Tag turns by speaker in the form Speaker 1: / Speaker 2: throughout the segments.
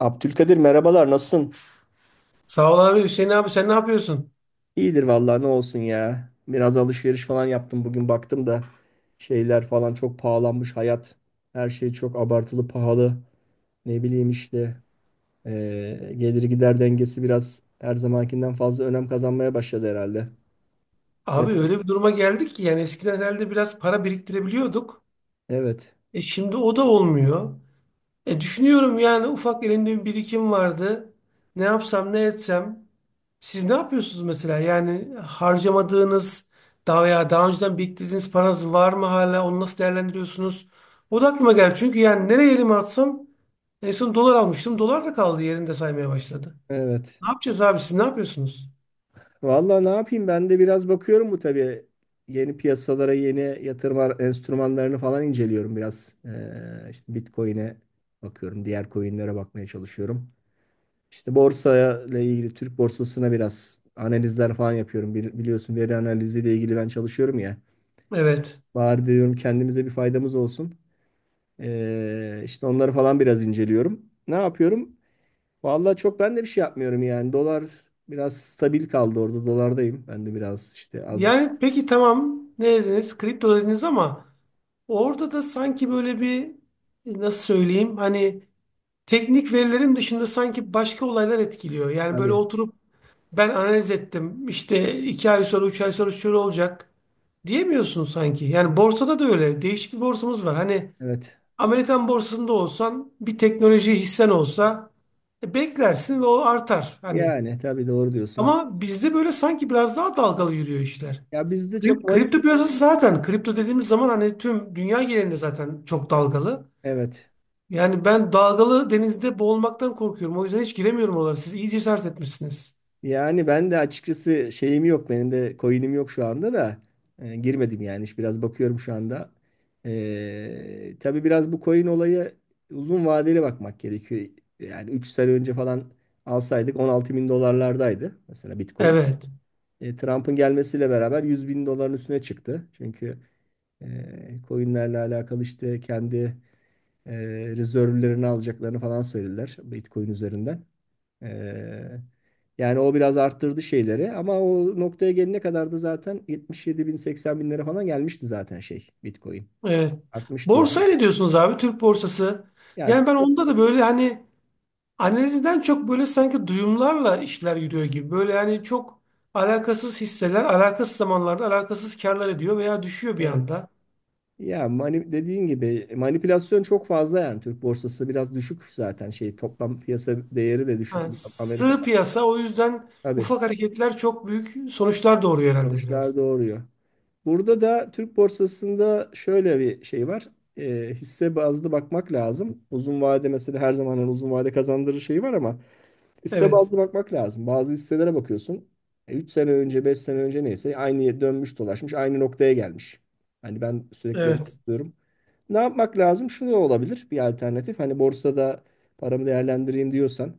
Speaker 1: Abdülkadir, merhabalar, nasılsın?
Speaker 2: Sağ ol abi. Hüseyin abi sen ne yapıyorsun?
Speaker 1: İyidir vallahi, ne olsun ya. Biraz alışveriş falan yaptım bugün, baktım da şeyler falan çok pahalanmış hayat. Her şey çok abartılı pahalı. Ne bileyim işte, gelir gider dengesi biraz her zamankinden fazla önem kazanmaya başladı herhalde.
Speaker 2: Abi
Speaker 1: Ne-
Speaker 2: öyle bir duruma geldik ki yani eskiden herhalde biraz para biriktirebiliyorduk.
Speaker 1: Evet,
Speaker 2: E şimdi o da olmuyor. E düşünüyorum yani ufak elimde bir birikim vardı. Ne yapsam ne etsem. Siz ne yapıyorsunuz mesela? Yani harcamadığınız daha veya daha önceden biriktirdiğiniz paranız var mı hala? Onu nasıl değerlendiriyorsunuz? O da aklıma geldi. Çünkü yani nereye elimi atsam en son dolar almıştım. Dolar da kaldı yerinde saymaya başladı.
Speaker 1: evet.
Speaker 2: Ne yapacağız abi siz ne yapıyorsunuz?
Speaker 1: Vallahi ne yapayım, ben de biraz bakıyorum bu tabii. Yeni piyasalara, yeni yatırım ar- enstrümanlarını falan inceliyorum biraz. İşte Bitcoin'e bakıyorum, diğer coin'lere bakmaya çalışıyorum. İşte borsayla ilgili Türk borsasına biraz analizler falan yapıyorum. Bili- Biliyorsun, veri analiziyle ilgili ben çalışıyorum ya.
Speaker 2: Evet.
Speaker 1: Bari diyorum kendimize bir faydamız olsun. İşte onları falan biraz inceliyorum. Ne yapıyorum? Vallahi çok ben de bir şey yapmıyorum yani. Dolar biraz stabil kaldı orada. Dolardayım. Ben de biraz işte, az buçuk.
Speaker 2: Yani peki tamam ne dediniz? Kripto dediniz ama orada da sanki böyle bir nasıl söyleyeyim hani teknik verilerin dışında sanki başka olaylar etkiliyor. Yani böyle
Speaker 1: Tabii.
Speaker 2: oturup ben analiz ettim işte 2 ay sonra 3 ay sonra şöyle olacak diyemiyorsun sanki. Yani borsada da öyle değişik bir borsamız var. Hani
Speaker 1: Evet.
Speaker 2: Amerikan borsasında olsan bir teknoloji hissen olsa beklersin ve o artar hani.
Speaker 1: Yani tabii, doğru diyorsun.
Speaker 2: Ama bizde böyle sanki biraz daha dalgalı yürüyor işler.
Speaker 1: Ya bizde çok mani...
Speaker 2: Kripto piyasası zaten kripto dediğimiz zaman hani tüm dünya genelinde zaten çok dalgalı.
Speaker 1: Evet.
Speaker 2: Yani ben dalgalı denizde boğulmaktan korkuyorum. O yüzden hiç giremiyorum oralara. Siz iyi cesaret etmişsiniz.
Speaker 1: Yani ben de açıkçası şeyim yok. Benim de coin'im yok şu anda da. Girmedim yani. İşte biraz bakıyorum şu anda. Tabii biraz bu coin olayı uzun vadeli bakmak gerekiyor. Yani 3 sene önce falan alsaydık 16 bin dolarlardaydı. Mesela Bitcoin.
Speaker 2: Evet.
Speaker 1: Trump'ın gelmesiyle beraber 100 bin doların üstüne çıktı. Çünkü coinlerle alakalı işte kendi e, rezervlerini alacaklarını falan söylediler Bitcoin üzerinden. Ee, Yani o biraz arttırdı şeyleri, ama o noktaya gelene kadar da zaten 77 bin 80 bin lira falan gelmişti zaten şey Bitcoin.
Speaker 2: Evet.
Speaker 1: Artmıştı yani.
Speaker 2: Borsaya ne diyorsunuz abi? Türk borsası.
Speaker 1: Ya
Speaker 2: Yani ben
Speaker 1: çok,
Speaker 2: onda da böyle hani analizden çok böyle sanki duyumlarla işler yürüyor gibi. Böyle yani çok alakasız hisseler alakasız zamanlarda alakasız karlar ediyor veya düşüyor bir
Speaker 1: evet.
Speaker 2: anda.
Speaker 1: Ya mani, dediğin gibi manipülasyon çok fazla yani. Türk borsası biraz düşük zaten, şey toplam piyasa değeri de düşük
Speaker 2: Ha,
Speaker 1: bir Amerika.
Speaker 2: sığ piyasa o yüzden
Speaker 1: Tabii
Speaker 2: ufak hareketler çok büyük sonuçlar doğuruyor herhalde
Speaker 1: sonuçlar
Speaker 2: biraz.
Speaker 1: doğuruyor. Burada da Türk borsasında şöyle bir şey var. Hisse bazlı bakmak lazım. Uzun vade mesela, her zaman hani uzun vade kazandırır şeyi var ama hisse
Speaker 2: Evet.
Speaker 1: bazlı bakmak lazım. Bazı hisselere bakıyorsun. 3 sene önce, 5 sene önce neyse aynı yere dönmüş dolaşmış, aynı noktaya gelmiş. Hani ben sürekli
Speaker 2: Evet.
Speaker 1: diyorum. Ne yapmak lazım? Şunu olabilir bir alternatif. Hani borsada paramı değerlendireyim diyorsan,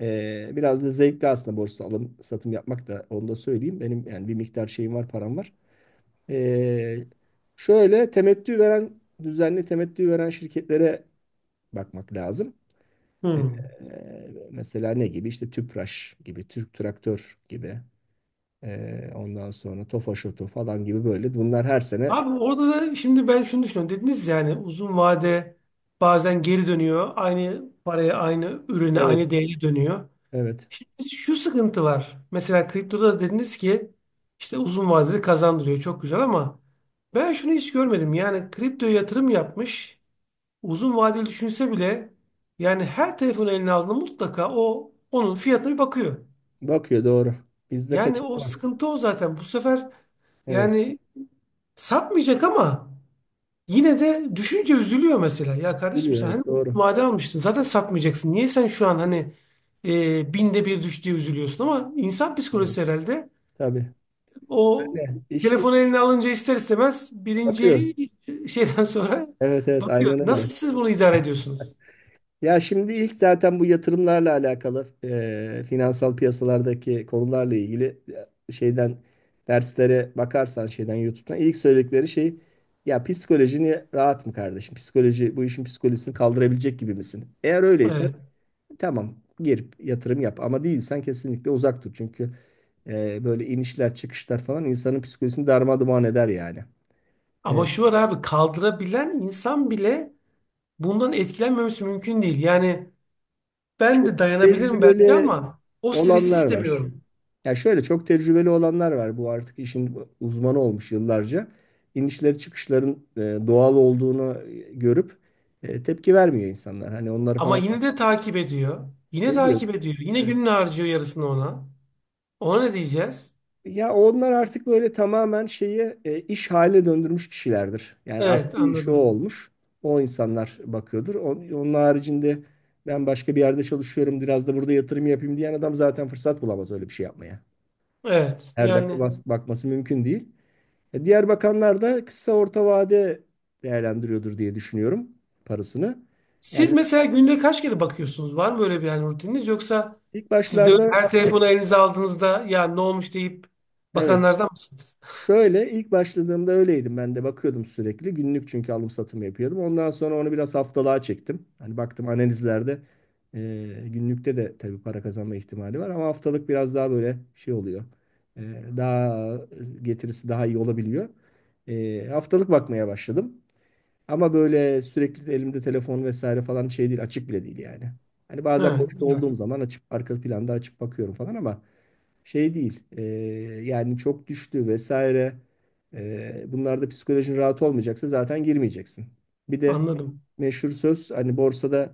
Speaker 1: biraz da zevkli aslında borsa alım satım yapmak, da onu da söyleyeyim. Benim yani bir miktar şeyim var, param var. Eee, Şöyle temettü veren, düzenli temettü veren şirketlere bakmak lazım. Ee,
Speaker 2: Hmm.
Speaker 1: Mesela ne gibi? İşte Tüpraş gibi, Türk Traktör gibi. Ondan sonra Tofaş Oto falan gibi böyle. Bunlar her sene,
Speaker 2: Abi orada da şimdi ben şunu düşünüyorum. Dediniz yani uzun vade bazen geri dönüyor. Aynı paraya, aynı ürüne,
Speaker 1: evet,
Speaker 2: aynı değeri dönüyor.
Speaker 1: evet.
Speaker 2: Şimdi şu sıkıntı var. Mesela kriptoda da dediniz ki işte uzun vadeli kazandırıyor. Çok güzel ama ben şunu hiç görmedim. Yani kriptoya yatırım yapmış. Uzun vadeli düşünse bile yani her telefon eline aldığında mutlaka o onun fiyatına bir bakıyor.
Speaker 1: Bakıyor doğru. Bizde
Speaker 2: Yani o
Speaker 1: kaçınılmaz.
Speaker 2: sıkıntı o zaten. Bu sefer
Speaker 1: Evet.
Speaker 2: yani satmayacak ama yine de düşünce üzülüyor mesela. Ya kardeşim
Speaker 1: Biliyor,
Speaker 2: sen hani
Speaker 1: evet, doğru.
Speaker 2: vade almıştın zaten satmayacaksın. Niye sen şu an hani binde bir düştüğü üzülüyorsun ama insan
Speaker 1: Evet.
Speaker 2: psikolojisi herhalde
Speaker 1: Tabii.
Speaker 2: o
Speaker 1: Öyle. İş
Speaker 2: telefonu eline alınca ister istemez
Speaker 1: bakıyor.
Speaker 2: birinci şeyden sonra
Speaker 1: Evet, evet,
Speaker 2: bakıyor.
Speaker 1: aynen öyle.
Speaker 2: Nasıl siz bunu idare ediyorsunuz?
Speaker 1: Ya şimdi ilk zaten bu yatırımlarla alakalı finansal piyasalardaki konularla ilgili şeyden derslere bakarsan, şeyden YouTube'dan ilk söyledikleri şey: ya psikolojini rahat mı kardeşim? Psikoloji bu işin psikolojisini kaldırabilecek gibi misin? Eğer öyleyse
Speaker 2: Evet.
Speaker 1: tamam, gir yatırım yap, ama değilsen kesinlikle uzak dur. Çünkü böyle inişler çıkışlar falan insanın psikolojisini darmadağın eder yani. E,
Speaker 2: Ama şu var abi kaldırabilen insan bile bundan etkilenmemesi mümkün değil. Yani ben
Speaker 1: Çok.
Speaker 2: de
Speaker 1: Evet.
Speaker 2: dayanabilirim belki
Speaker 1: Tecrübeli
Speaker 2: ama o stresi
Speaker 1: olanlar var.
Speaker 2: istemiyorum.
Speaker 1: Ya şöyle, çok tecrübeli olanlar var. Bu artık işin uzmanı olmuş yıllarca. İnişleri çıkışların doğal olduğunu görüp tepki vermiyor insanlar. Hani onları
Speaker 2: Ama
Speaker 1: falan
Speaker 2: yine de takip ediyor. Yine
Speaker 1: ediyor.
Speaker 2: takip ediyor. Yine
Speaker 1: Evet.
Speaker 2: gününü harcıyor yarısını ona. Ona ne diyeceğiz?
Speaker 1: Ya onlar artık böyle tamamen şeyi iş haline döndürmüş kişilerdir. Yani
Speaker 2: Evet
Speaker 1: asli işi o
Speaker 2: anladım.
Speaker 1: olmuş. O insanlar bakıyordur. On- Onun haricinde ben başka bir yerde çalışıyorum, biraz da burada yatırım yapayım diyen adam zaten fırsat bulamaz öyle bir şey yapmaya.
Speaker 2: Evet
Speaker 1: Her dakika
Speaker 2: yani
Speaker 1: bas- bakması mümkün değil. Diğer bakanlar da kısa orta vade değerlendiriyordur diye düşünüyorum parasını. Yani
Speaker 2: siz mesela günde kaç kere bakıyorsunuz? Var mı böyle bir yani rutininiz yoksa
Speaker 1: ilk
Speaker 2: siz de
Speaker 1: başlarda,
Speaker 2: her telefonu elinize aldığınızda ya ne olmuş deyip
Speaker 1: evet,
Speaker 2: bakanlardan mısınız?
Speaker 1: şöyle ilk başladığımda öyleydim, ben de bakıyordum sürekli günlük çünkü alım satım yapıyordum. Ondan sonra onu biraz haftalığa çektim. Hani baktım analizlerde, e, günlükte de tabii para kazanma ihtimali var ama haftalık biraz daha böyle şey oluyor. Daha getirisi daha iyi olabiliyor. Haftalık bakmaya başladım. Ama böyle sürekli elimde telefon vesaire falan şey değil, açık bile değil yani. Hani bazen
Speaker 2: He,
Speaker 1: boşta
Speaker 2: güzel.
Speaker 1: olduğum zaman açıp arka planda açıp bakıyorum falan, ama şey değil. Yani çok düştü vesaire. Bunlarda psikolojin rahat olmayacaksa zaten girmeyeceksin. Bir de
Speaker 2: Anladım.
Speaker 1: meşhur söz, hani borsada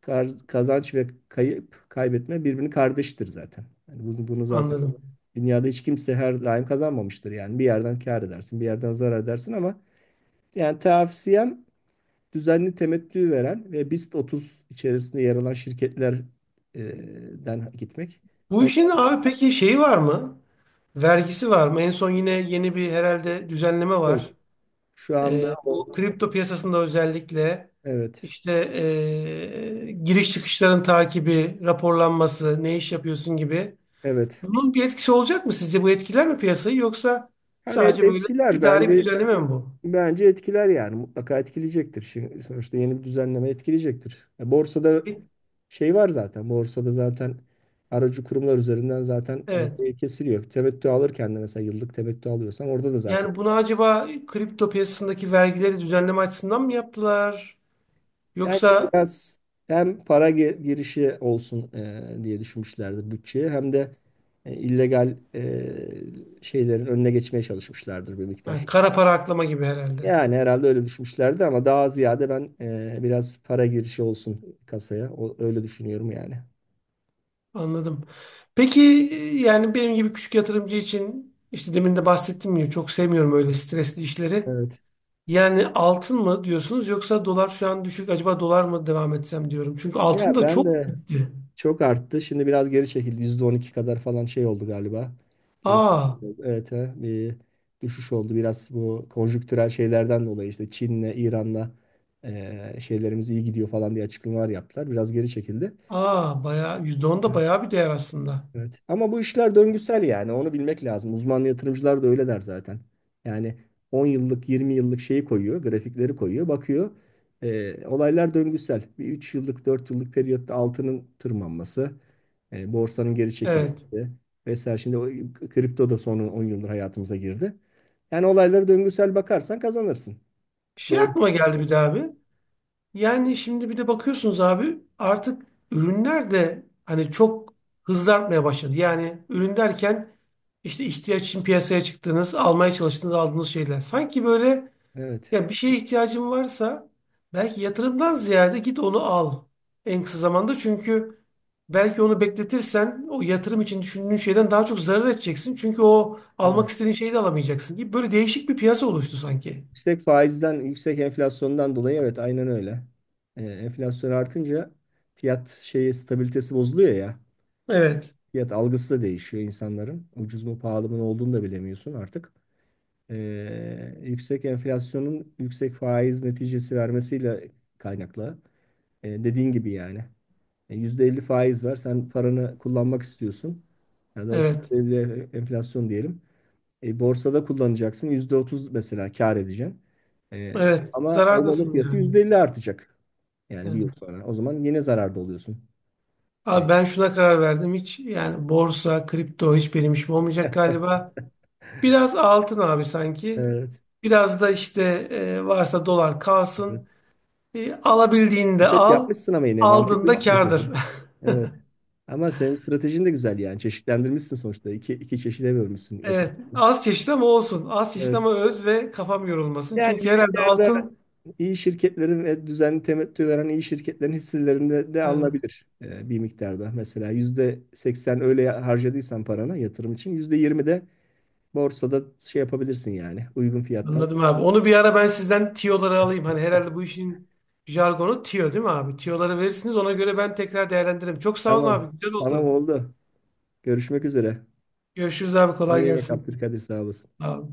Speaker 1: kar- kazanç ve kayıp kaybetme birbirini kardeştir zaten. Yani bunu zaten
Speaker 2: Anladım.
Speaker 1: dünyada hiç kimse her daim kazanmamıştır yani. Bir yerden kâr edersin, bir yerden zarar edersin, ama yani tavsiyem düzenli temettü veren ve BIST 30 içerisinde yer alan şirketlerden gitmek.
Speaker 2: Bu
Speaker 1: Onlar
Speaker 2: işin abi peki şeyi var mı? Vergisi var mı? En son yine yeni bir herhalde düzenleme var.
Speaker 1: yok. Şu anda o,
Speaker 2: Bu kripto piyasasında özellikle
Speaker 1: evet.
Speaker 2: işte giriş çıkışların takibi, raporlanması, ne iş yapıyorsun gibi.
Speaker 1: Evet.
Speaker 2: Bunun bir etkisi olacak mı sizce? Bu etkiler mi piyasayı yoksa
Speaker 1: Yani et-
Speaker 2: sadece böyle
Speaker 1: etkiler
Speaker 2: idari bir
Speaker 1: bence
Speaker 2: düzenleme mi bu?
Speaker 1: bence etkiler, yani mutlaka etkileyecektir. Şimdi sonuçta yeni bir düzenleme etkileyecektir. Ya borsada şey var zaten. Borsada zaten aracı kurumlar üzerinden zaten
Speaker 2: Evet.
Speaker 1: şey kesiliyor. Temettü alırken de mesela, yıllık temettü alıyorsan orada da zaten.
Speaker 2: Yani bunu acaba kripto piyasasındaki vergileri düzenleme açısından mı yaptılar?
Speaker 1: Bence
Speaker 2: Yoksa
Speaker 1: biraz hem para ge- girişi olsun diye düşünmüşlerdir bütçeye, hem de illegal şeylerin önüne geçmeye çalışmışlardır bir
Speaker 2: ha,
Speaker 1: miktar.
Speaker 2: kara para aklama gibi herhalde.
Speaker 1: Yani herhalde öyle düşünmüşlerdi, ama daha ziyade ben biraz para girişi olsun kasaya. O, öyle düşünüyorum yani.
Speaker 2: Anladım. Peki yani benim gibi küçük yatırımcı için işte demin de bahsettim ya çok sevmiyorum öyle stresli işleri.
Speaker 1: Evet.
Speaker 2: Yani altın mı diyorsunuz yoksa dolar şu an düşük acaba dolar mı devam etsem diyorum. Çünkü altın
Speaker 1: Ya
Speaker 2: da
Speaker 1: ben
Speaker 2: çok
Speaker 1: de.
Speaker 2: gitti.
Speaker 1: Çok arttı. Şimdi biraz geri çekildi. %12 kadar falan şey oldu galiba. Geri
Speaker 2: Aa,
Speaker 1: çekildi. Evet, he, bir düşüş oldu. Biraz bu konjüktürel şeylerden dolayı işte Çin'le, İran'la şeylerimiz iyi gidiyor falan diye açıklamalar yaptılar. Biraz geri çekildi.
Speaker 2: bayağı %10 da bayağı bir değer aslında.
Speaker 1: Evet. Ama bu işler döngüsel yani, onu bilmek lazım. Uzman yatırımcılar da öyle der zaten. Yani 10 yıllık 20 yıllık şeyi koyuyor, grafikleri koyuyor, bakıyor. Olaylar döngüsel. Bir 3 yıllık 4 yıllık periyotta altının tırmanması, borsanın geri
Speaker 2: Evet.
Speaker 1: çekilmesi vesaire. Şimdi o, kripto da son 10 yıldır hayatımıza girdi. Yani olaylara döngüsel bakarsan kazanırsın.
Speaker 2: Şey
Speaker 1: Doğru.
Speaker 2: aklıma geldi bir daha abi. Yani şimdi bir de bakıyorsunuz abi artık ürünler de hani çok hızlı artmaya başladı. Yani ürün derken işte ihtiyaç için piyasaya çıktığınız, almaya çalıştığınız, aldığınız şeyler. Sanki böyle
Speaker 1: Evet.
Speaker 2: ya bir şeye ihtiyacın varsa belki yatırımdan ziyade git onu al en kısa zamanda. Çünkü belki onu bekletirsen o yatırım için düşündüğün şeyden daha çok zarar edeceksin. Çünkü o
Speaker 1: Evet.
Speaker 2: almak istediğin şeyi de alamayacaksın gibi böyle değişik bir piyasa oluştu sanki.
Speaker 1: Yüksek faizden, yüksek enflasyondan dolayı, evet, aynen öyle. Enflasyon artınca fiyat şeyi stabilitesi bozuluyor ya.
Speaker 2: Evet,
Speaker 1: Fiyat algısı da değişiyor insanların. Ucuz mu pahalı mı ne olduğunu da bilemiyorsun artık. Yüksek enflasyonun yüksek faiz neticesi vermesiyle kaynaklı. Dediğin gibi yani. %50 faiz var. Sen paranı kullanmak istiyorsun. Ya da
Speaker 2: evet,
Speaker 1: %50 enflasyon diyelim. Borsada kullanacaksın. %30 mesela kâr edeceksin.
Speaker 2: evet.
Speaker 1: Ama o malın
Speaker 2: Zarardasın
Speaker 1: fiyatı
Speaker 2: yani.
Speaker 1: %50 artacak. Yani bir yıl
Speaker 2: Yani,
Speaker 1: sonra. O zaman yine zararda oluyorsun. Evet.
Speaker 2: abi ben şuna karar verdim. Hiç yani borsa, kripto hiç benim işim olmayacak galiba. Biraz altın abi sanki.
Speaker 1: Evet.
Speaker 2: Biraz da işte varsa dolar
Speaker 1: Evet.
Speaker 2: kalsın. Alabildiğinde
Speaker 1: Evet,
Speaker 2: al.
Speaker 1: yapmışsın ama yine mantıklı bir
Speaker 2: Aldığında kârdır.
Speaker 1: strateji. Evet. Ama senin stratejin de güzel yani. Çeşitlendirmişsin sonuçta. İki, iki çeşide bölmüşsün
Speaker 2: Evet.
Speaker 1: yatırımları.
Speaker 2: Az çeşit ama olsun. Az çeşit
Speaker 1: Evet.
Speaker 2: ama öz ve kafam yorulmasın.
Speaker 1: Yani
Speaker 2: Çünkü
Speaker 1: bir
Speaker 2: herhalde
Speaker 1: miktarda
Speaker 2: altın.
Speaker 1: iyi şirketlerin ve düzenli temettü veren iyi şirketlerin hisselerinde de
Speaker 2: He,
Speaker 1: alınabilir bir miktarda. Mesela %80 öyle harcadıysan parana, yatırım için %20 de borsada şey yapabilirsin yani, uygun fiyattan.
Speaker 2: anladım abi. Onu bir ara ben sizden tiyoları alayım. Hani herhalde bu işin jargonu tiyo değil mi abi? Tiyoları verirsiniz. Ona göre ben tekrar değerlendiririm. Çok sağ olun
Speaker 1: Tamam.
Speaker 2: abi. Güzel
Speaker 1: Tamam
Speaker 2: oldu.
Speaker 1: oldu. Görüşmek üzere.
Speaker 2: Görüşürüz abi kolay
Speaker 1: Kendine iyi bak
Speaker 2: gelsin.
Speaker 1: Abdülkadir, sağ olasın.
Speaker 2: Sağ ol.